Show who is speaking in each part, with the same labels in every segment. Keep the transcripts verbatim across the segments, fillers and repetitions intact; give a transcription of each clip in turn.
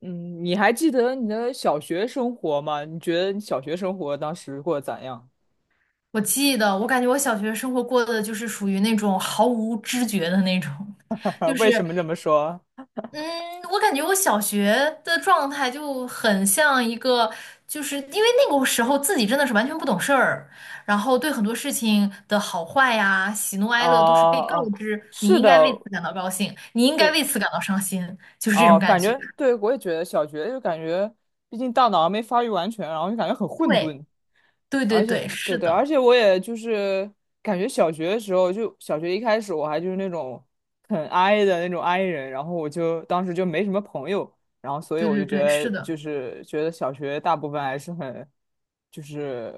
Speaker 1: 嗯，你还记得你的小学生活吗？你觉得你小学生活当时过得咋样？
Speaker 2: 我记得，我感觉我小学生活过的就是属于那种毫无知觉的那种，就
Speaker 1: 为
Speaker 2: 是，
Speaker 1: 什么这么说？
Speaker 2: 嗯，我感觉我小学的状态就很像一个，就是因为那个时候自己真的是完全不懂事儿，然后对很多事情的好坏呀、喜怒
Speaker 1: 哦
Speaker 2: 哀乐都是被告
Speaker 1: 哦，
Speaker 2: 知，你
Speaker 1: 是
Speaker 2: 应
Speaker 1: 的，
Speaker 2: 该为此感到高兴，你应该
Speaker 1: 对，
Speaker 2: 为此感到伤心，就是这
Speaker 1: 哦，
Speaker 2: 种感
Speaker 1: 感
Speaker 2: 觉。
Speaker 1: 觉对我也觉得小学就感觉，毕竟大脑还没发育完全，然后就感觉很混
Speaker 2: 对，
Speaker 1: 沌。
Speaker 2: 对对
Speaker 1: 而且
Speaker 2: 对，
Speaker 1: 对
Speaker 2: 是
Speaker 1: 对，而
Speaker 2: 的，
Speaker 1: 且我也就是感觉小学的时候，就小学一开始我还就是那种很 i 的那种 i 人，然后我就当时就没什么朋友，然后所以
Speaker 2: 对
Speaker 1: 我就
Speaker 2: 对
Speaker 1: 觉
Speaker 2: 对，是
Speaker 1: 得
Speaker 2: 的。
Speaker 1: 就是觉得小学大部分还是很就是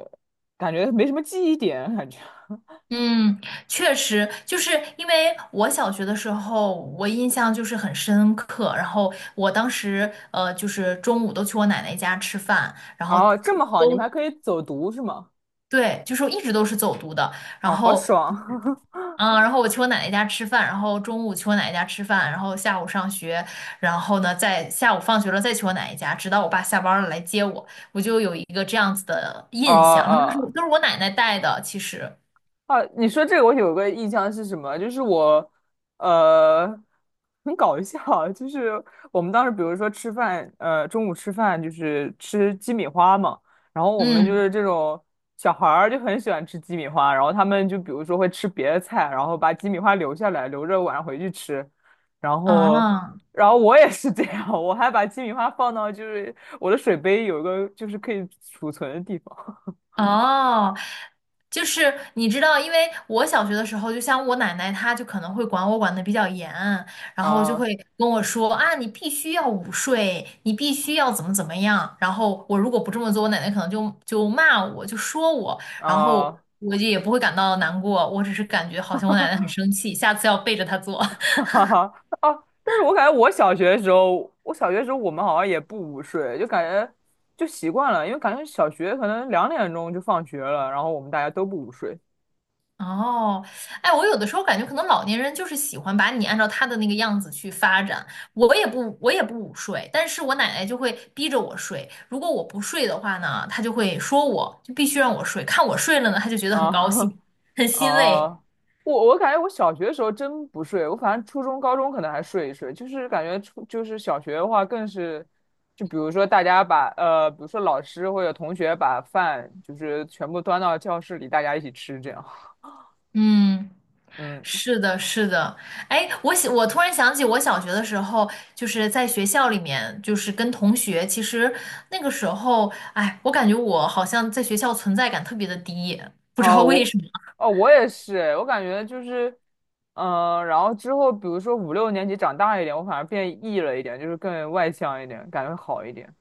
Speaker 1: 感觉没什么记忆点感觉。
Speaker 2: 嗯，确实，就是因为我小学的时候，我印象就是很深刻。然后我当时，呃，就是中午都去我奶奶家吃饭，然后
Speaker 1: 哦，这么好，你们还
Speaker 2: 都
Speaker 1: 可以走读是吗？
Speaker 2: 对，就是一直都是走读的。然
Speaker 1: 哦，好
Speaker 2: 后，
Speaker 1: 爽！
Speaker 2: 嗯，然后我去我奶奶家吃饭，然后中午去我奶奶家吃饭，然后下午上学，然后呢，在下午放学了再去我奶奶家，直到我爸下班了来接我，我就有一个这样子的
Speaker 1: 哦
Speaker 2: 印象。然后当时
Speaker 1: 哦。
Speaker 2: 都是我奶奶带的，其实，
Speaker 1: 啊，你说这个我有个印象是什么？就是我，呃，很搞笑啊就是我们当时比如说吃饭，呃，中午吃饭就是吃鸡米花嘛，然后我们就
Speaker 2: 嗯，
Speaker 1: 是这种小孩儿就很喜欢吃鸡米花，然后他们就比如说会吃别的菜，然后把鸡米花留下来，留着晚上回去吃，然后，
Speaker 2: 啊。
Speaker 1: 然后我也是这样，我还把鸡米花放到就是我的水杯有一个就是可以储存的地方
Speaker 2: 哦，就是你知道，因为我小学的时候，就像我奶奶，她就可能会管我管的比较严，然后就
Speaker 1: 啊
Speaker 2: 会跟我说啊，你必须要午睡，你必须要怎么怎么样。然后我如果不这么做，我奶奶可能就就骂我，就说我，然后
Speaker 1: 啊。
Speaker 2: 我就也不会感到难过，我只是感觉好像我奶奶很生气，下次要背着她做。
Speaker 1: 哈哈，啊！但是我感觉我小学的时候，我小学的时候我们好像也不午睡，就感觉就习惯了，因为感觉小学可能两点钟就放学了，然后我们大家都不午睡
Speaker 2: 哦，哎，我有的时候感觉可能老年人就是喜欢把你按照他的那个样子去发展。我也不，我也不午睡，但是我奶奶就会逼着我睡。如果我不睡的话呢，她就会说我，就必须让我睡。看我睡了呢，她就觉得很高
Speaker 1: 啊。
Speaker 2: 兴，很 欣慰。
Speaker 1: 啊，我我感觉我小学的时候真不睡，我反正初中、高中可能还睡一睡，就是感觉初就是小学的话更是，就比如说大家把呃，比如说老师或者同学把饭就是全部端到教室里，大家一起吃这样，
Speaker 2: 嗯，
Speaker 1: 嗯。
Speaker 2: 是的，是的。哎，我想，我突然想起我小学的时候，就是在学校里面，就是跟同学，其实那个时候，哎，我感觉我好像在学校存在感特别的低，不知
Speaker 1: 啊，
Speaker 2: 道为
Speaker 1: 我，
Speaker 2: 什么。
Speaker 1: 哦，我也是，我感觉就是，嗯、然后之后，比如说五六年级长大一点，我反而变 E 了一点，就是更外向一点，感觉好一点。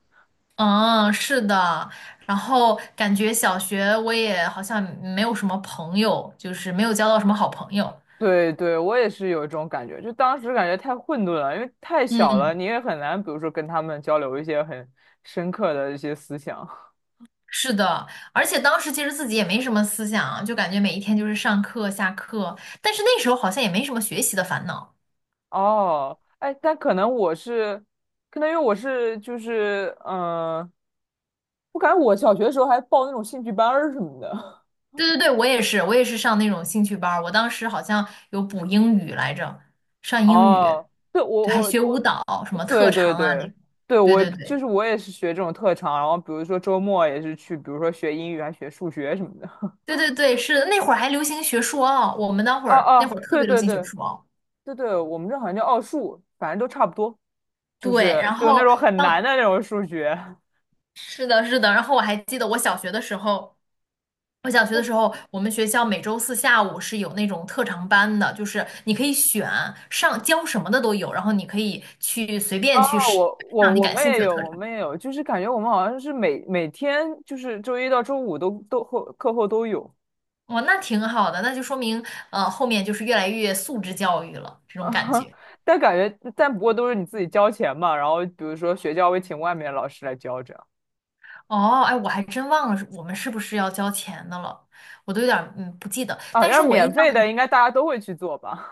Speaker 2: 嗯，是的，然后感觉小学我也好像没有什么朋友，就是没有交到什么好朋友。
Speaker 1: 对对，我也是有一种感觉，就当时感觉太混沌了，因为太小了，
Speaker 2: 嗯，
Speaker 1: 你也很难，比如说跟他们交流一些很深刻的一些思想。
Speaker 2: 是的，而且当时其实自己也没什么思想，就感觉每一天就是上课下课，但是那时候好像也没什么学习的烦恼。
Speaker 1: 哦，哎，但可能我是，可能因为我是就是，嗯、我感觉我小学的时候还报那种兴趣班儿什么的。
Speaker 2: 对对对，我也是，我也是上那种兴趣班儿，我当时好像有补英语来着，上英语，
Speaker 1: 哦，对，我
Speaker 2: 对，还
Speaker 1: 我
Speaker 2: 学舞
Speaker 1: 我
Speaker 2: 蹈，什么
Speaker 1: 对
Speaker 2: 特
Speaker 1: 对
Speaker 2: 长啊那
Speaker 1: 对，
Speaker 2: 种。
Speaker 1: 对，
Speaker 2: 对
Speaker 1: 我
Speaker 2: 对
Speaker 1: 就
Speaker 2: 对。
Speaker 1: 是我也是学这种特长，然后比如说周末也是去，比如说学英语还学数学什么的。
Speaker 2: 对对对，是的，那会儿还流行学硕奥，我们那会
Speaker 1: 哦
Speaker 2: 儿那会儿
Speaker 1: 哦，
Speaker 2: 特
Speaker 1: 对
Speaker 2: 别流
Speaker 1: 对
Speaker 2: 行学
Speaker 1: 对
Speaker 2: 硕奥。
Speaker 1: 对，对，我们这好像叫奥数，反正都差不多，就
Speaker 2: 对，
Speaker 1: 是
Speaker 2: 然
Speaker 1: 就那
Speaker 2: 后
Speaker 1: 种很难
Speaker 2: 当
Speaker 1: 的那种数学。
Speaker 2: 是的，是的，然后我还记得我小学的时候，我小学的
Speaker 1: 我
Speaker 2: 时候，我们学校每周四下午是有那种特长班的，就是你可以选上教什么的都有，然后你可以去随便
Speaker 1: 哦，
Speaker 2: 去试
Speaker 1: 我我
Speaker 2: 上你
Speaker 1: 我
Speaker 2: 感
Speaker 1: 们
Speaker 2: 兴趣
Speaker 1: 也
Speaker 2: 的
Speaker 1: 有，
Speaker 2: 特
Speaker 1: 我
Speaker 2: 长。
Speaker 1: 们也有，就是感觉我们好像是每每天就是周一到周五都都后课后都有
Speaker 2: 哇，那挺好的，那就说明呃后面就是越来越素质教育了，这
Speaker 1: 啊，
Speaker 2: 种感 觉。
Speaker 1: 但感觉但不过都是你自己交钱嘛，然后比如说学校会请外面的老师来教这样。
Speaker 2: 哦，哎，我还真忘了是我们是不是要交钱的了，我都有点儿嗯不记得。
Speaker 1: 哦，
Speaker 2: 但
Speaker 1: 要
Speaker 2: 是
Speaker 1: 是
Speaker 2: 我
Speaker 1: 免
Speaker 2: 印象
Speaker 1: 费
Speaker 2: 很
Speaker 1: 的，应该大家都会去做吧？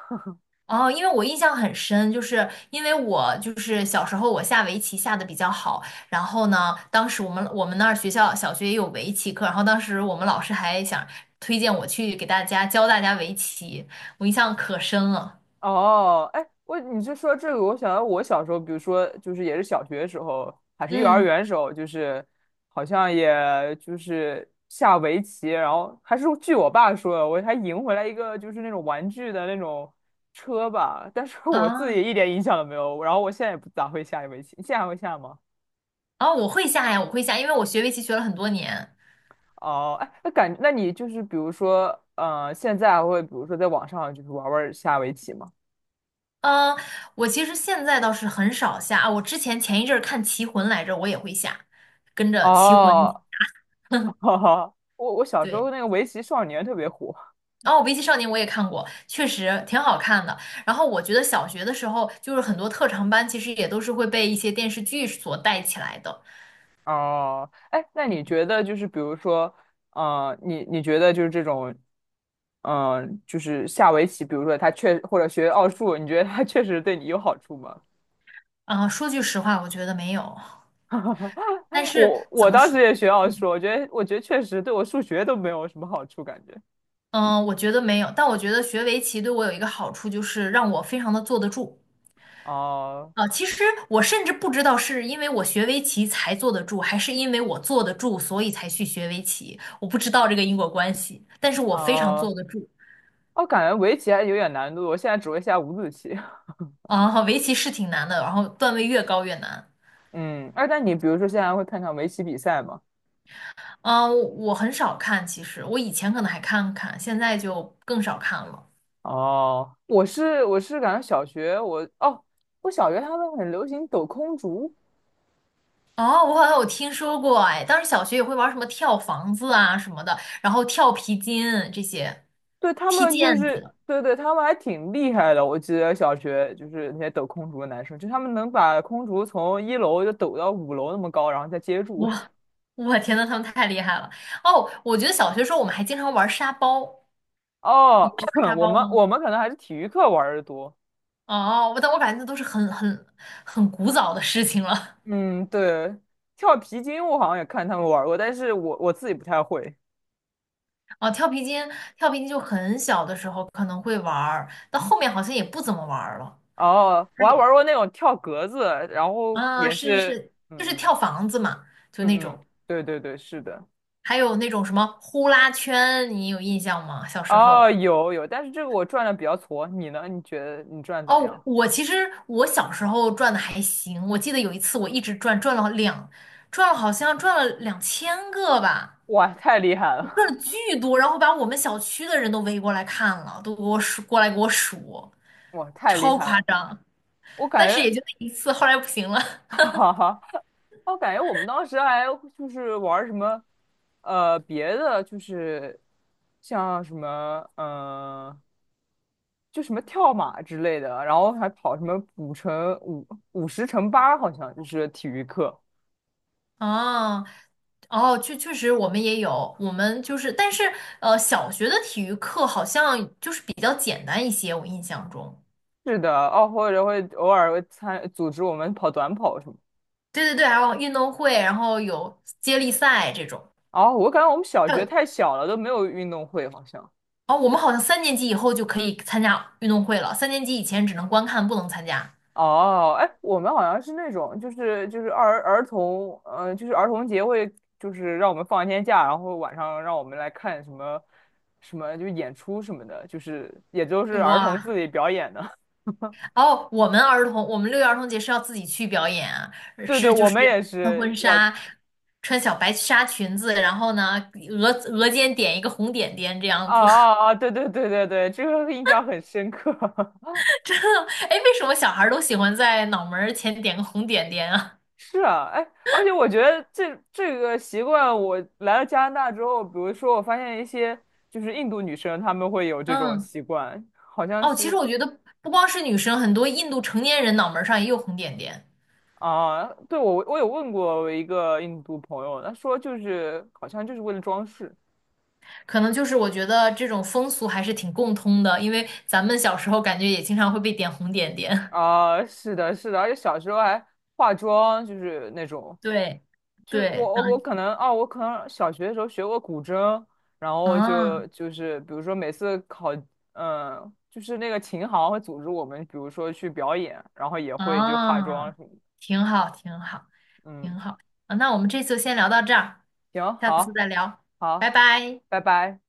Speaker 2: 哦，因为我印象很深，就是因为我就是小时候我下围棋下的比较好，然后呢，当时我们我们那儿学校小学也有围棋课，然后当时我们老师还想推荐我去给大家教大家围棋，我印象可深了。
Speaker 1: 哦，哎，我你是说这个，我想到我小时候，比如说就是也是小学时候，还是幼儿
Speaker 2: 嗯
Speaker 1: 园时候，就是好像也就是下围棋，然后还是据我爸说的，我还赢回来一个就是那种玩具的那种车吧，但是我自己
Speaker 2: 啊
Speaker 1: 一点影响都没有，然后我现在也不咋会下围棋，你现在还会下吗？
Speaker 2: 啊，我会下呀，我会下，因为我学围棋学了很多年。
Speaker 1: 哦，哎，那感，那你就是比如说，呃，现在还会比如说在网上就是玩玩下围棋吗？
Speaker 2: 嗯，我其实现在倒是很少下啊。我之前前一阵儿看《棋魂》来着，我也会下，跟着《棋魂》
Speaker 1: 哦。 哈哈，我我小时候
Speaker 2: 对。
Speaker 1: 那个围棋少年特别火
Speaker 2: 然后围棋少年》我也看过，确实挺好看的。然后我觉得小学的时候，就是很多特长班其实也都是会被一些电视剧所带起来的。
Speaker 1: 哦。哎，那你
Speaker 2: 嗯，
Speaker 1: 觉得就是比如说，呃，你你觉得就是这种，嗯、就是下围棋，比如说他确或者学奥数，你觉得他确实对你有好处吗？
Speaker 2: 啊、说句实话，我觉得没有。但
Speaker 1: 我
Speaker 2: 是怎
Speaker 1: 我
Speaker 2: 么
Speaker 1: 当
Speaker 2: 说？
Speaker 1: 时也学奥数，我觉得我觉得确实对我数学都没有什么好处，感觉。
Speaker 2: 嗯、我觉得没有。但我觉得学围棋对我有一个好处，就是让我非常的坐得住。
Speaker 1: 哦
Speaker 2: 啊，其实我甚至不知道是因为我学围棋才坐得住，还是因为我坐得住，所以才去学围棋。我不知道这个因果关系，但是我
Speaker 1: 哦
Speaker 2: 非常坐
Speaker 1: 哦，
Speaker 2: 得住。
Speaker 1: 我感觉围棋还有点难度，我现在只会下五子棋。
Speaker 2: 啊、围棋是挺难的，然后段位越高越难。
Speaker 1: 嗯，哎，那你比如说现在会看看围棋比赛吗？
Speaker 2: 啊、我我很少看，其实我以前可能还看看，现在就更少看了。
Speaker 1: 哦，我是我是感觉小学我哦，我小学他们很流行抖空竹，
Speaker 2: 哦，我好像有听说过，哎，当时小学也会玩什么跳房子啊什么的，然后跳皮筋这些，
Speaker 1: 对他
Speaker 2: 踢
Speaker 1: 们就
Speaker 2: 毽
Speaker 1: 是
Speaker 2: 子。
Speaker 1: 对对，他们还挺厉害的。我记得小学就是那些抖空竹的男生，就他们能把空竹从一楼就抖到五楼那么高，然后再接住。
Speaker 2: 我我天呐，他们太厉害了！哦，我觉得小学时候我们还经常玩沙包，玩
Speaker 1: 哦，
Speaker 2: 沙
Speaker 1: 我
Speaker 2: 包
Speaker 1: 们
Speaker 2: 吗？
Speaker 1: 我们可能还是体育课玩的多。
Speaker 2: 哦，我但我感觉那都是很很很古早的事情了。
Speaker 1: 嗯，对，跳皮筋我好像也看他们玩过，但是我我自己不太会。
Speaker 2: 哦，跳皮筋，跳皮筋就很小的时候可能会玩儿，到后面好像也不怎么玩儿了。
Speaker 1: 哦，我还玩过那种跳格子，然后
Speaker 2: 啊，
Speaker 1: 也
Speaker 2: 是是
Speaker 1: 是，
Speaker 2: 是，就
Speaker 1: 嗯
Speaker 2: 是
Speaker 1: 嗯。
Speaker 2: 跳房子嘛，就
Speaker 1: 嗯
Speaker 2: 那
Speaker 1: 嗯，
Speaker 2: 种，
Speaker 1: 对对对，是的。
Speaker 2: 还有那种什么呼啦圈，你有印象吗？小时
Speaker 1: 哦，
Speaker 2: 候。
Speaker 1: 有有，但是这个我转的比较矬，你呢？你觉得你转的咋
Speaker 2: 哦，
Speaker 1: 样？
Speaker 2: 我其实我小时候转的还行，我记得有一次我一直转，转了两，转了好像转了两千个吧，
Speaker 1: 哇，太厉害
Speaker 2: 转
Speaker 1: 了！
Speaker 2: 了巨多，然后把我们小区的人都围过来看了，都给我数，过来给我数，
Speaker 1: 哇，太厉
Speaker 2: 超
Speaker 1: 害
Speaker 2: 夸
Speaker 1: 了！
Speaker 2: 张。
Speaker 1: 我感
Speaker 2: 但是也
Speaker 1: 觉，
Speaker 2: 就那一次，后来不行了。
Speaker 1: 哈哈，我感觉我们当时还就是玩儿什么，呃，别的就是像什么，呃，就什么跳马之类的，然后还跑什么五乘五五十乘八，好像就是体育课。
Speaker 2: 哦，哦，确确实我们也有，我们就是，但是呃，小学的体育课好像就是比较简单一些，我印象中。
Speaker 1: 是的，哦，或者会偶尔会参组织我们跑短跑什么的
Speaker 2: 对对对，还有运动会，然后有接力赛这种。
Speaker 1: 哦，我感觉我们小
Speaker 2: 还有
Speaker 1: 学太小了，都没有运动会，好像。
Speaker 2: 哦，我们好像三年级以后就可以参加运动会了，三年级以前只能观看，不能参加。
Speaker 1: 哦，哎，我们好像是那种，就是就是儿儿童，呃，就是儿童节会，就是让我们放一天假，然后晚上让我们来看什么什么，就是演出什么的，就是也就是儿童
Speaker 2: 哇，
Speaker 1: 自己表演的。
Speaker 2: 哦，我们儿童，我们六一儿童节是要自己去表演啊，
Speaker 1: 对对，
Speaker 2: 是就
Speaker 1: 我
Speaker 2: 是
Speaker 1: 们也
Speaker 2: 穿
Speaker 1: 是
Speaker 2: 婚
Speaker 1: 要，啊
Speaker 2: 纱，穿小白纱裙子，然后呢，额额间点一个红点点这样子。
Speaker 1: 啊 啊，对对对，对，对，这个印象很深刻。
Speaker 2: 哎，为什么小孩儿都喜欢在脑门儿前点个红点点啊？
Speaker 1: 是啊，哎，而且我觉得这这个习惯，我来了加拿大之后，比如说我发现一些就是印度女生，她们会有这种
Speaker 2: 嗯，
Speaker 1: 习惯，好像
Speaker 2: 哦，其实
Speaker 1: 是
Speaker 2: 我觉得不光是女生，很多印度成年人脑门儿上也有红点点。
Speaker 1: 啊，对，我我有问过我一个印度朋友，他说就是好像就是为了装饰
Speaker 2: 可能就是我觉得这种风俗还是挺共通的，因为咱们小时候感觉也经常会被点红点点。
Speaker 1: 啊，是的，是的，而且小时候还化妆，就是那种
Speaker 2: 对，
Speaker 1: 就是我
Speaker 2: 对，
Speaker 1: 我我可能哦，我可能小学的时候学过古筝，然后就
Speaker 2: 嗯，
Speaker 1: 就是比如说每次考，嗯，就是那个琴行会组织我们，比如说去表演，然后也
Speaker 2: 嗯，
Speaker 1: 会就化妆
Speaker 2: 嗯，
Speaker 1: 什么的
Speaker 2: 挺好，挺好，挺
Speaker 1: 嗯，
Speaker 2: 好。啊那我们这次就先聊到这儿，
Speaker 1: 行，
Speaker 2: 下次
Speaker 1: 好，
Speaker 2: 再聊，拜
Speaker 1: 好，
Speaker 2: 拜。
Speaker 1: 拜拜。